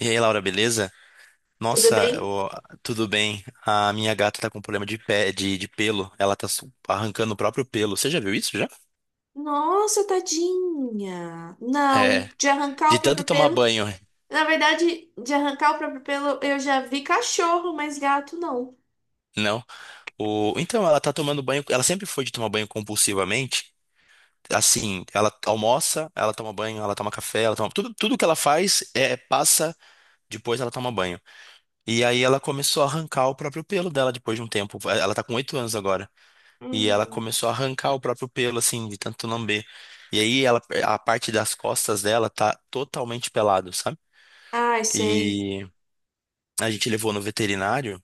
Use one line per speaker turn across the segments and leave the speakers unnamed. E aí, Laura, beleza?
Tudo
Nossa,
bem?
tudo bem. A minha gata tá com problema de de pelo. Ela tá arrancando o próprio pelo. Você já viu isso já?
Nossa, tadinha. Não,
É,
de arrancar
de
o
tanto
próprio
tomar
pelo.
banho,
Na verdade, de arrancar o próprio pelo, eu já vi cachorro, mas gato não.
não? O, então, ela tá tomando banho. Ela sempre foi de tomar banho compulsivamente. Assim, ela almoça, ela toma banho, ela toma café, ela toma. Tudo que ela faz é passa, depois ela toma banho. E aí ela começou a arrancar o próprio pelo dela depois de um tempo. Ela tá com 8 anos agora. E ela
Hum.
começou a arrancar o próprio pelo, assim, de tanto lamber. E aí ela, a parte das costas dela tá totalmente pelado, sabe?
Ai, sei.
E a gente levou no veterinário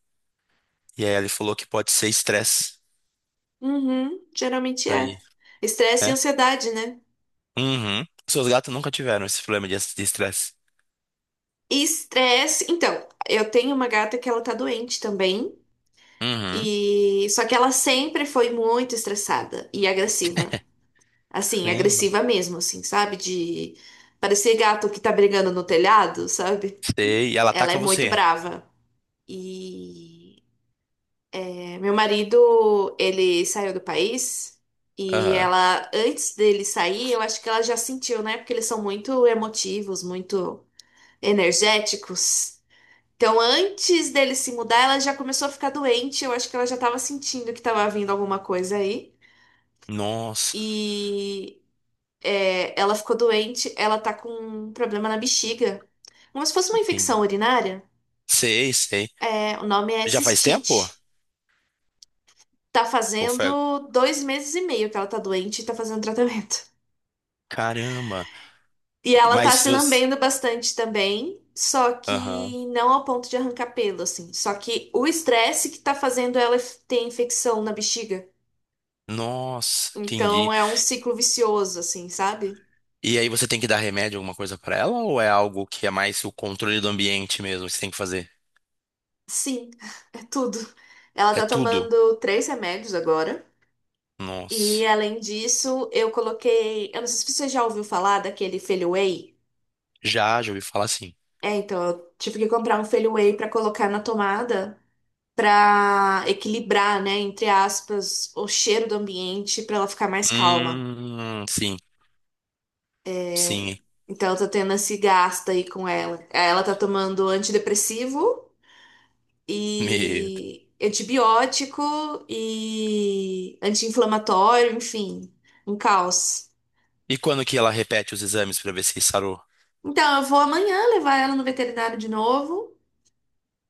e aí ele falou que pode ser estresse.
Uhum, geralmente é.
Daí,
Estresse e
né?
ansiedade, né?
Uhum. Seus gatos nunca tiveram esse problema de estresse.
Estresse. Então, eu tenho uma gata que ela tá doente também.
Uhum.
E só que ela sempre foi muito estressada e agressiva. Assim,
Caramba.
agressiva mesmo, assim, sabe? De parecer gato que tá brigando no telhado, sabe?
Sei. E ela
Ela é
ataca
muito
você.
brava. E é, meu marido, ele saiu do país e
Aham.
ela, antes dele sair, eu acho que ela já sentiu, né? Porque eles são muito emotivos, muito energéticos. Então, antes dele se mudar, ela já começou a ficar doente. Eu acho que ela já estava sentindo que estava vindo alguma coisa aí.
Nossa.
E é, ela ficou doente. Ela tá com um problema na bexiga, como se fosse uma infecção
Entendi.
urinária.
Sei, sei.
É, o nome é
Já faz tempo?
cistite. Tá
Ou foi...
fazendo 2 meses e meio que ela tá doente e tá fazendo tratamento.
Caramba.
E ela tá
Mas
se
você...
lambendo bastante também, só
Aham.
que não ao ponto de arrancar pelo, assim. Só que o estresse que tá fazendo ela ter infecção na bexiga.
Nossa,
Então
entendi.
é um ciclo vicioso, assim, sabe?
E aí você tem que dar remédio, alguma coisa pra ela, ou é algo que é mais o controle do ambiente mesmo que você tem que fazer?
Sim, é tudo. Ela
É
tá
tudo?
tomando três remédios agora. E
Nossa.
além disso, eu coloquei. Eu não sei se você já ouviu falar daquele Feliway.
Já, já ouvi falar assim.
É, então eu tive que comprar um Feliway pra colocar na tomada. Para equilibrar, né, entre aspas, o cheiro do ambiente para ela ficar mais calma.
Sim,
É,
sim,
então eu tô tendo esse gasto aí com ela. Aí, ela tá tomando antidepressivo
medo.
e antibiótico e anti-inflamatório, enfim, um caos.
E quando que ela repete os exames pra ver se sarou?
Então eu vou amanhã levar ela no veterinário de novo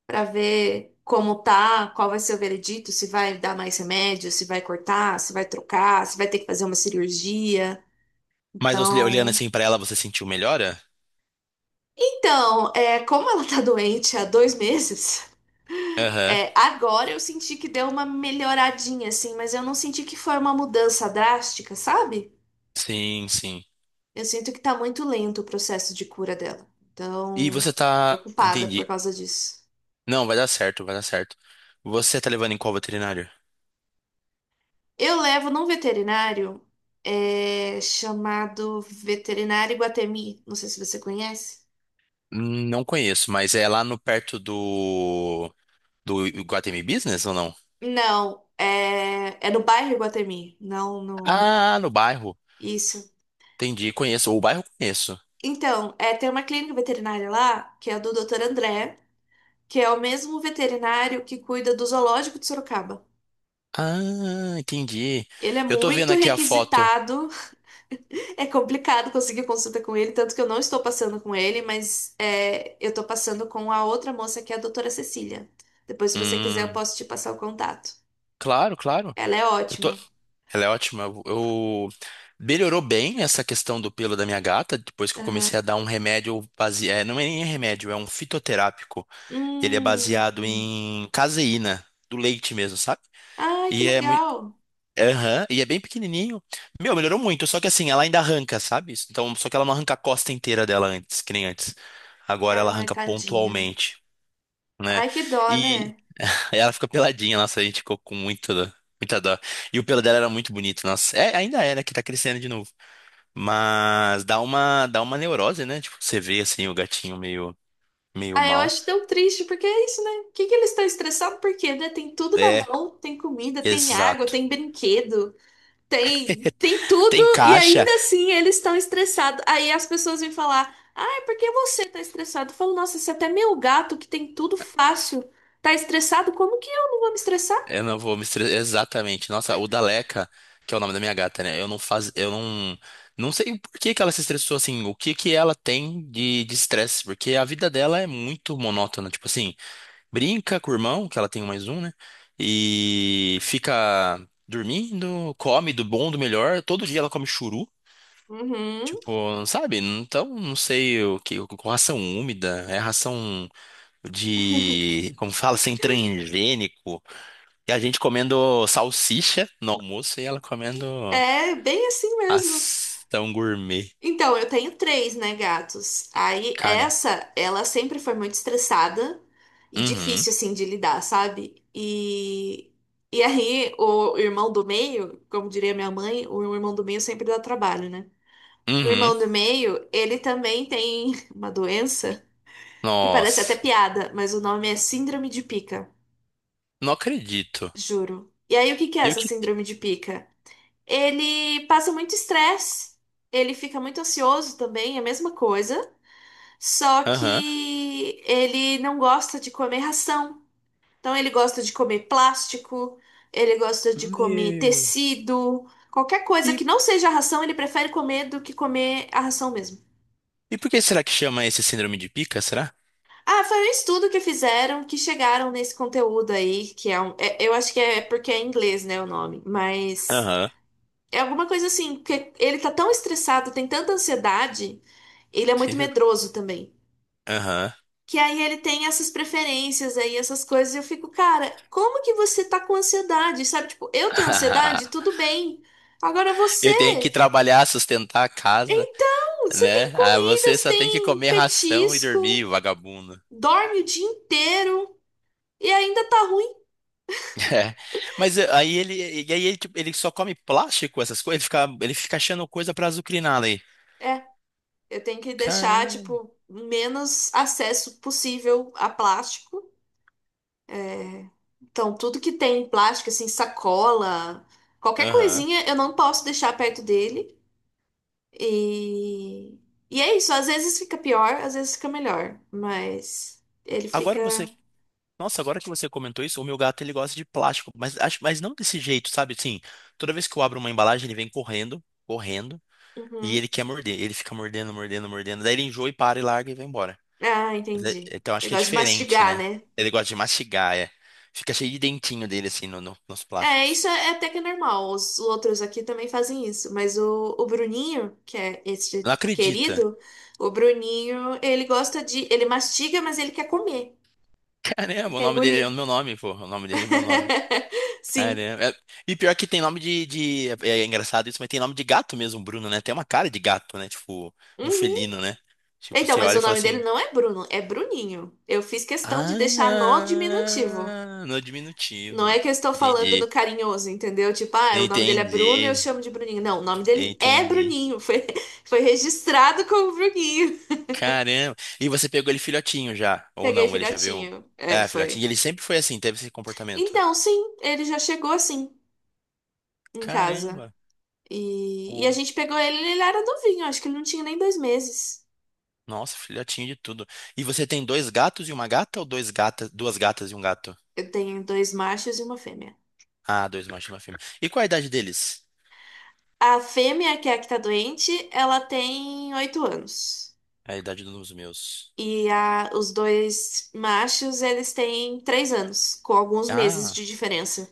para ver como tá, qual vai ser o veredito, se vai dar mais remédio, se vai cortar, se vai trocar, se vai ter que fazer uma cirurgia.
Mas olhando
Então,
assim pra ela, você sentiu melhora?
É, como ela tá doente há 2 meses,
Aham,
é, agora eu senti que deu uma melhoradinha, assim, mas eu não senti que foi uma mudança drástica, sabe?
sim, sim.
Eu sinto que tá muito lento o processo de cura dela.
E
Então,
você tá.
preocupada por
Entendi.
causa disso.
Não, vai dar certo, vai dar certo. Você tá levando em qual veterinário?
Eu levo num veterinário, é, chamado Veterinário Iguatemi. Não sei se você conhece.
Não conheço, mas é lá no perto do. Do Iguatemi Business ou não?
Não, é, é no bairro Iguatemi, não no.
Ah, no bairro.
Isso.
Entendi, conheço. O bairro eu conheço.
Então, é, tem uma clínica veterinária lá, que é a do Dr. André, que é o mesmo veterinário que cuida do zoológico de Sorocaba.
Ah, entendi.
Ele é
Eu tô vendo
muito
aqui a foto.
requisitado, é complicado conseguir consulta com ele, tanto que eu não estou passando com ele, mas é, eu estou passando com a outra moça, que é a doutora Cecília. Depois, se você quiser, eu
Hum,
posso te passar o contato.
claro, claro.
Ela é
Eu tô...
ótima.
Ela é ótima. Melhorou bem essa questão do pelo da minha gata, depois que eu comecei a
Aham.
dar um remédio baseado... É, não é nem remédio, é um fitoterápico. Ele é baseado
Hum.
em caseína, do leite mesmo, sabe?
Ai, que
E é, mui-
legal.
Aham, e é bem pequenininho. Meu, melhorou muito, só que assim, ela ainda arranca, sabe? Então, só que ela não arranca a costa inteira dela antes, que nem antes. Agora ela
Ai,
arranca
tadinha.
pontualmente, né?
Ai, que dó,
E
né?
ela fica peladinha, nossa, a gente ficou com muita, muita dó. E o pelo dela era muito bonito, nossa. É, ainda é, né, que tá crescendo de novo. Mas dá uma neurose, né? Tipo, você vê assim o meio
Ah, eu
mal.
acho tão triste, porque é isso, né? O que que eles estão estressados? Porque, né? Tem tudo na
É,
mão, tem comida, tem água,
exato.
tem brinquedo, tem, tem tudo,
Tem
e
caixa.
ainda assim eles estão estressados. Aí as pessoas vêm falar, ah, por que você tá estressado? Eu falo, nossa, se até meu gato, que tem tudo fácil, tá estressado, como que eu não vou me estressar?
Eu não vou me estressar. Exatamente. Nossa, o Daleca, que é o nome da minha gata, né? Eu não faz, eu não, não sei por que que ela se estressou assim, o que que ela tem de estresse, porque a vida dela é muito monótona, tipo assim, brinca com o irmão, que ela tem mais um, né? E fica dormindo, come do bom, do melhor, todo dia ela come churu,
Uhum.
tipo, sabe? Então, não sei o que, com ração úmida, é ração de, como fala, sem transgênico. E a gente comendo salsicha no almoço e ela comendo
É bem assim mesmo.
ação gourmet.
Então, eu tenho três, né, gatos. Aí
Cara,
essa, ela sempre foi muito estressada e
uhum,
difícil assim de lidar, sabe? E aí o irmão do meio, como diria minha mãe, o irmão do meio sempre dá trabalho, né? O
uhum.
irmão do meio, ele também tem uma doença que parece até
Nossa,
piada, mas o nome é síndrome de pica,
não acredito.
juro. E aí o que que é
E o
essa
que?
síndrome de pica? Ele passa muito estresse, ele fica muito ansioso também, é a mesma coisa. Só
Aham.
que ele não gosta de comer ração. Então ele gosta de comer plástico, ele gosta de comer
Meu.
tecido, qualquer coisa que
E,
não seja ração, ele prefere comer do que comer a ração mesmo.
e por que será que chama esse síndrome de pica, será?
Ah, foi um estudo que fizeram que chegaram nesse conteúdo aí, que é eu acho que é porque é em inglês, né, o nome, mas
Aham.
é alguma coisa assim, porque ele tá tão estressado, tem tanta ansiedade, ele é muito
Eu-
medroso também.
Aham.
Que aí ele tem essas preferências aí, essas coisas, e eu fico, cara, como que você tá com ansiedade? Sabe, tipo, eu tenho ansiedade, tudo bem. Agora você,
Eu tenho que trabalhar, sustentar a casa,
então, você tem
né? Ah,
comida,
você
você
só tem que
tem
comer ração e dormir,
petisco,
vagabundo.
dorme o dia inteiro e ainda tá ruim.
É. Mas e aí ele, tipo, ele só come plástico, essas coisas, ele fica achando coisa pra azucrinar ali.
É, eu tenho que deixar,
Caramba.
tipo, menos acesso possível a plástico. Então, tudo que tem plástico, assim, sacola, qualquer
Aham.
coisinha, eu não posso deixar perto dele. E, e é isso, às vezes fica pior, às vezes fica melhor, mas ele
Agora
fica.
você, nossa, agora que você comentou isso, o meu gato ele gosta de plástico, mas acho, mas não desse jeito, sabe? Assim, toda vez que eu abro uma embalagem, ele vem e
Uhum.
ele quer morder, ele fica mordendo, daí ele enjoa e para e larga e vai embora.
Ah, entendi.
Então acho
Ele
que é
gosta de
diferente,
mastigar,
né?
né?
Ele gosta de mastigar, é. Fica cheio de dentinho dele assim nos
É,
plásticos.
isso é até que é normal. Os outros aqui também fazem isso, mas o Bruninho, que é esse
Não acredita.
querido, o Bruninho, ele gosta de. Ele mastiga, mas ele quer comer, ele
Caramba, o
quer
nome dele
engolir.
é o meu nome, pô. O nome dele é meu nome.
Sim.
Caramba. E pior que tem nome é engraçado isso, mas tem nome de gato mesmo, Bruno, né? Tem uma cara de gato, né? Tipo, do
Uhum.
felino, né? Tipo,
Então,
você
mas
olha
o
e fala
nome dele
assim.
não é Bruno, é Bruninho. Eu fiz questão de deixar no
Ah,
diminutivo.
no
Não
diminutivo.
é que eu estou falando no
Entendi.
carinhoso, entendeu? Tipo, ah, o nome dele é Bruno, e eu
Entendi.
chamo de Bruninho. Não, o nome dele é
Entendi.
Bruninho. Foi, foi registrado como Bruninho.
Caramba. E você pegou ele filhotinho já? Ou
Peguei
não? Ele já veio.
filhotinho. É,
É, filhotinho. E
foi.
ele sempre foi assim, teve esse comportamento.
Então, sim, ele já chegou assim em casa.
Caramba.
E a gente pegou ele, ele era novinho, acho que ele não tinha nem 2 meses.
Nossa, filhotinho de tudo. E você tem dois gatos e uma gata ou dois gatas, duas gatas e um gato?
Eu tenho dois machos e uma fêmea.
Ah, dois machos e uma fêmea. E qual a idade deles?
A fêmea, que é a que tá doente, ela tem 8 anos.
A idade dos meus.
E a, os dois machos, eles têm 3 anos, com alguns meses
Ah,
de diferença.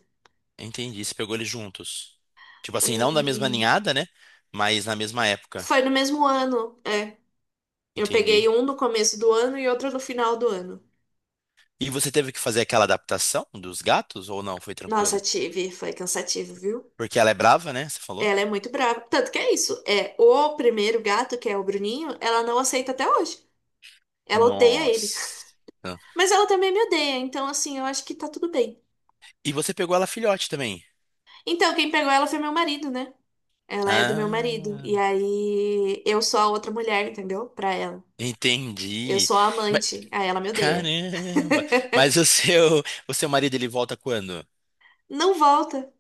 entendi. Você pegou eles juntos. Tipo assim, não da mesma
Hum,
ninhada, né? Mas na mesma época.
foi no mesmo ano, é. Eu peguei
Entendi.
um no começo do ano e outro no final do ano.
E você teve que fazer aquela adaptação dos gatos ou não? Foi
Nossa,
tranquilo?
tive, foi cansativo, viu?
Porque ela é brava, né? Você falou?
Ela é muito brava. Tanto que é isso, é o primeiro gato, que é o Bruninho, ela não aceita até hoje. Ela odeia ele.
Nossa.
Mas ela também me odeia, então assim, eu acho que tá tudo bem.
E você pegou ela filhote também.
Então, quem pegou ela foi meu marido, né? Ela é do meu marido.
Ah,
E aí eu sou a outra mulher, entendeu? Pra ela. Eu
entendi.
sou a amante. Aí ela me odeia.
Caramba! Mas o seu marido, ele volta quando?
Não volta.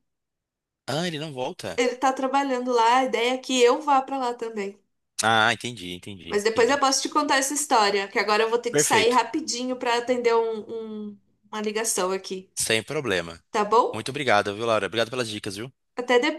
Ah, ele não volta.
Ele tá trabalhando lá. A ideia é que eu vá pra lá também.
Ah, entendi, entendi,
Mas depois eu
entendi.
posso te contar essa história, que agora eu vou ter que sair
Perfeito.
rapidinho pra atender uma ligação aqui.
Sem problema.
Tá bom?
Muito obrigado, viu, Laura? Obrigado pelas dicas, viu?
Até depois.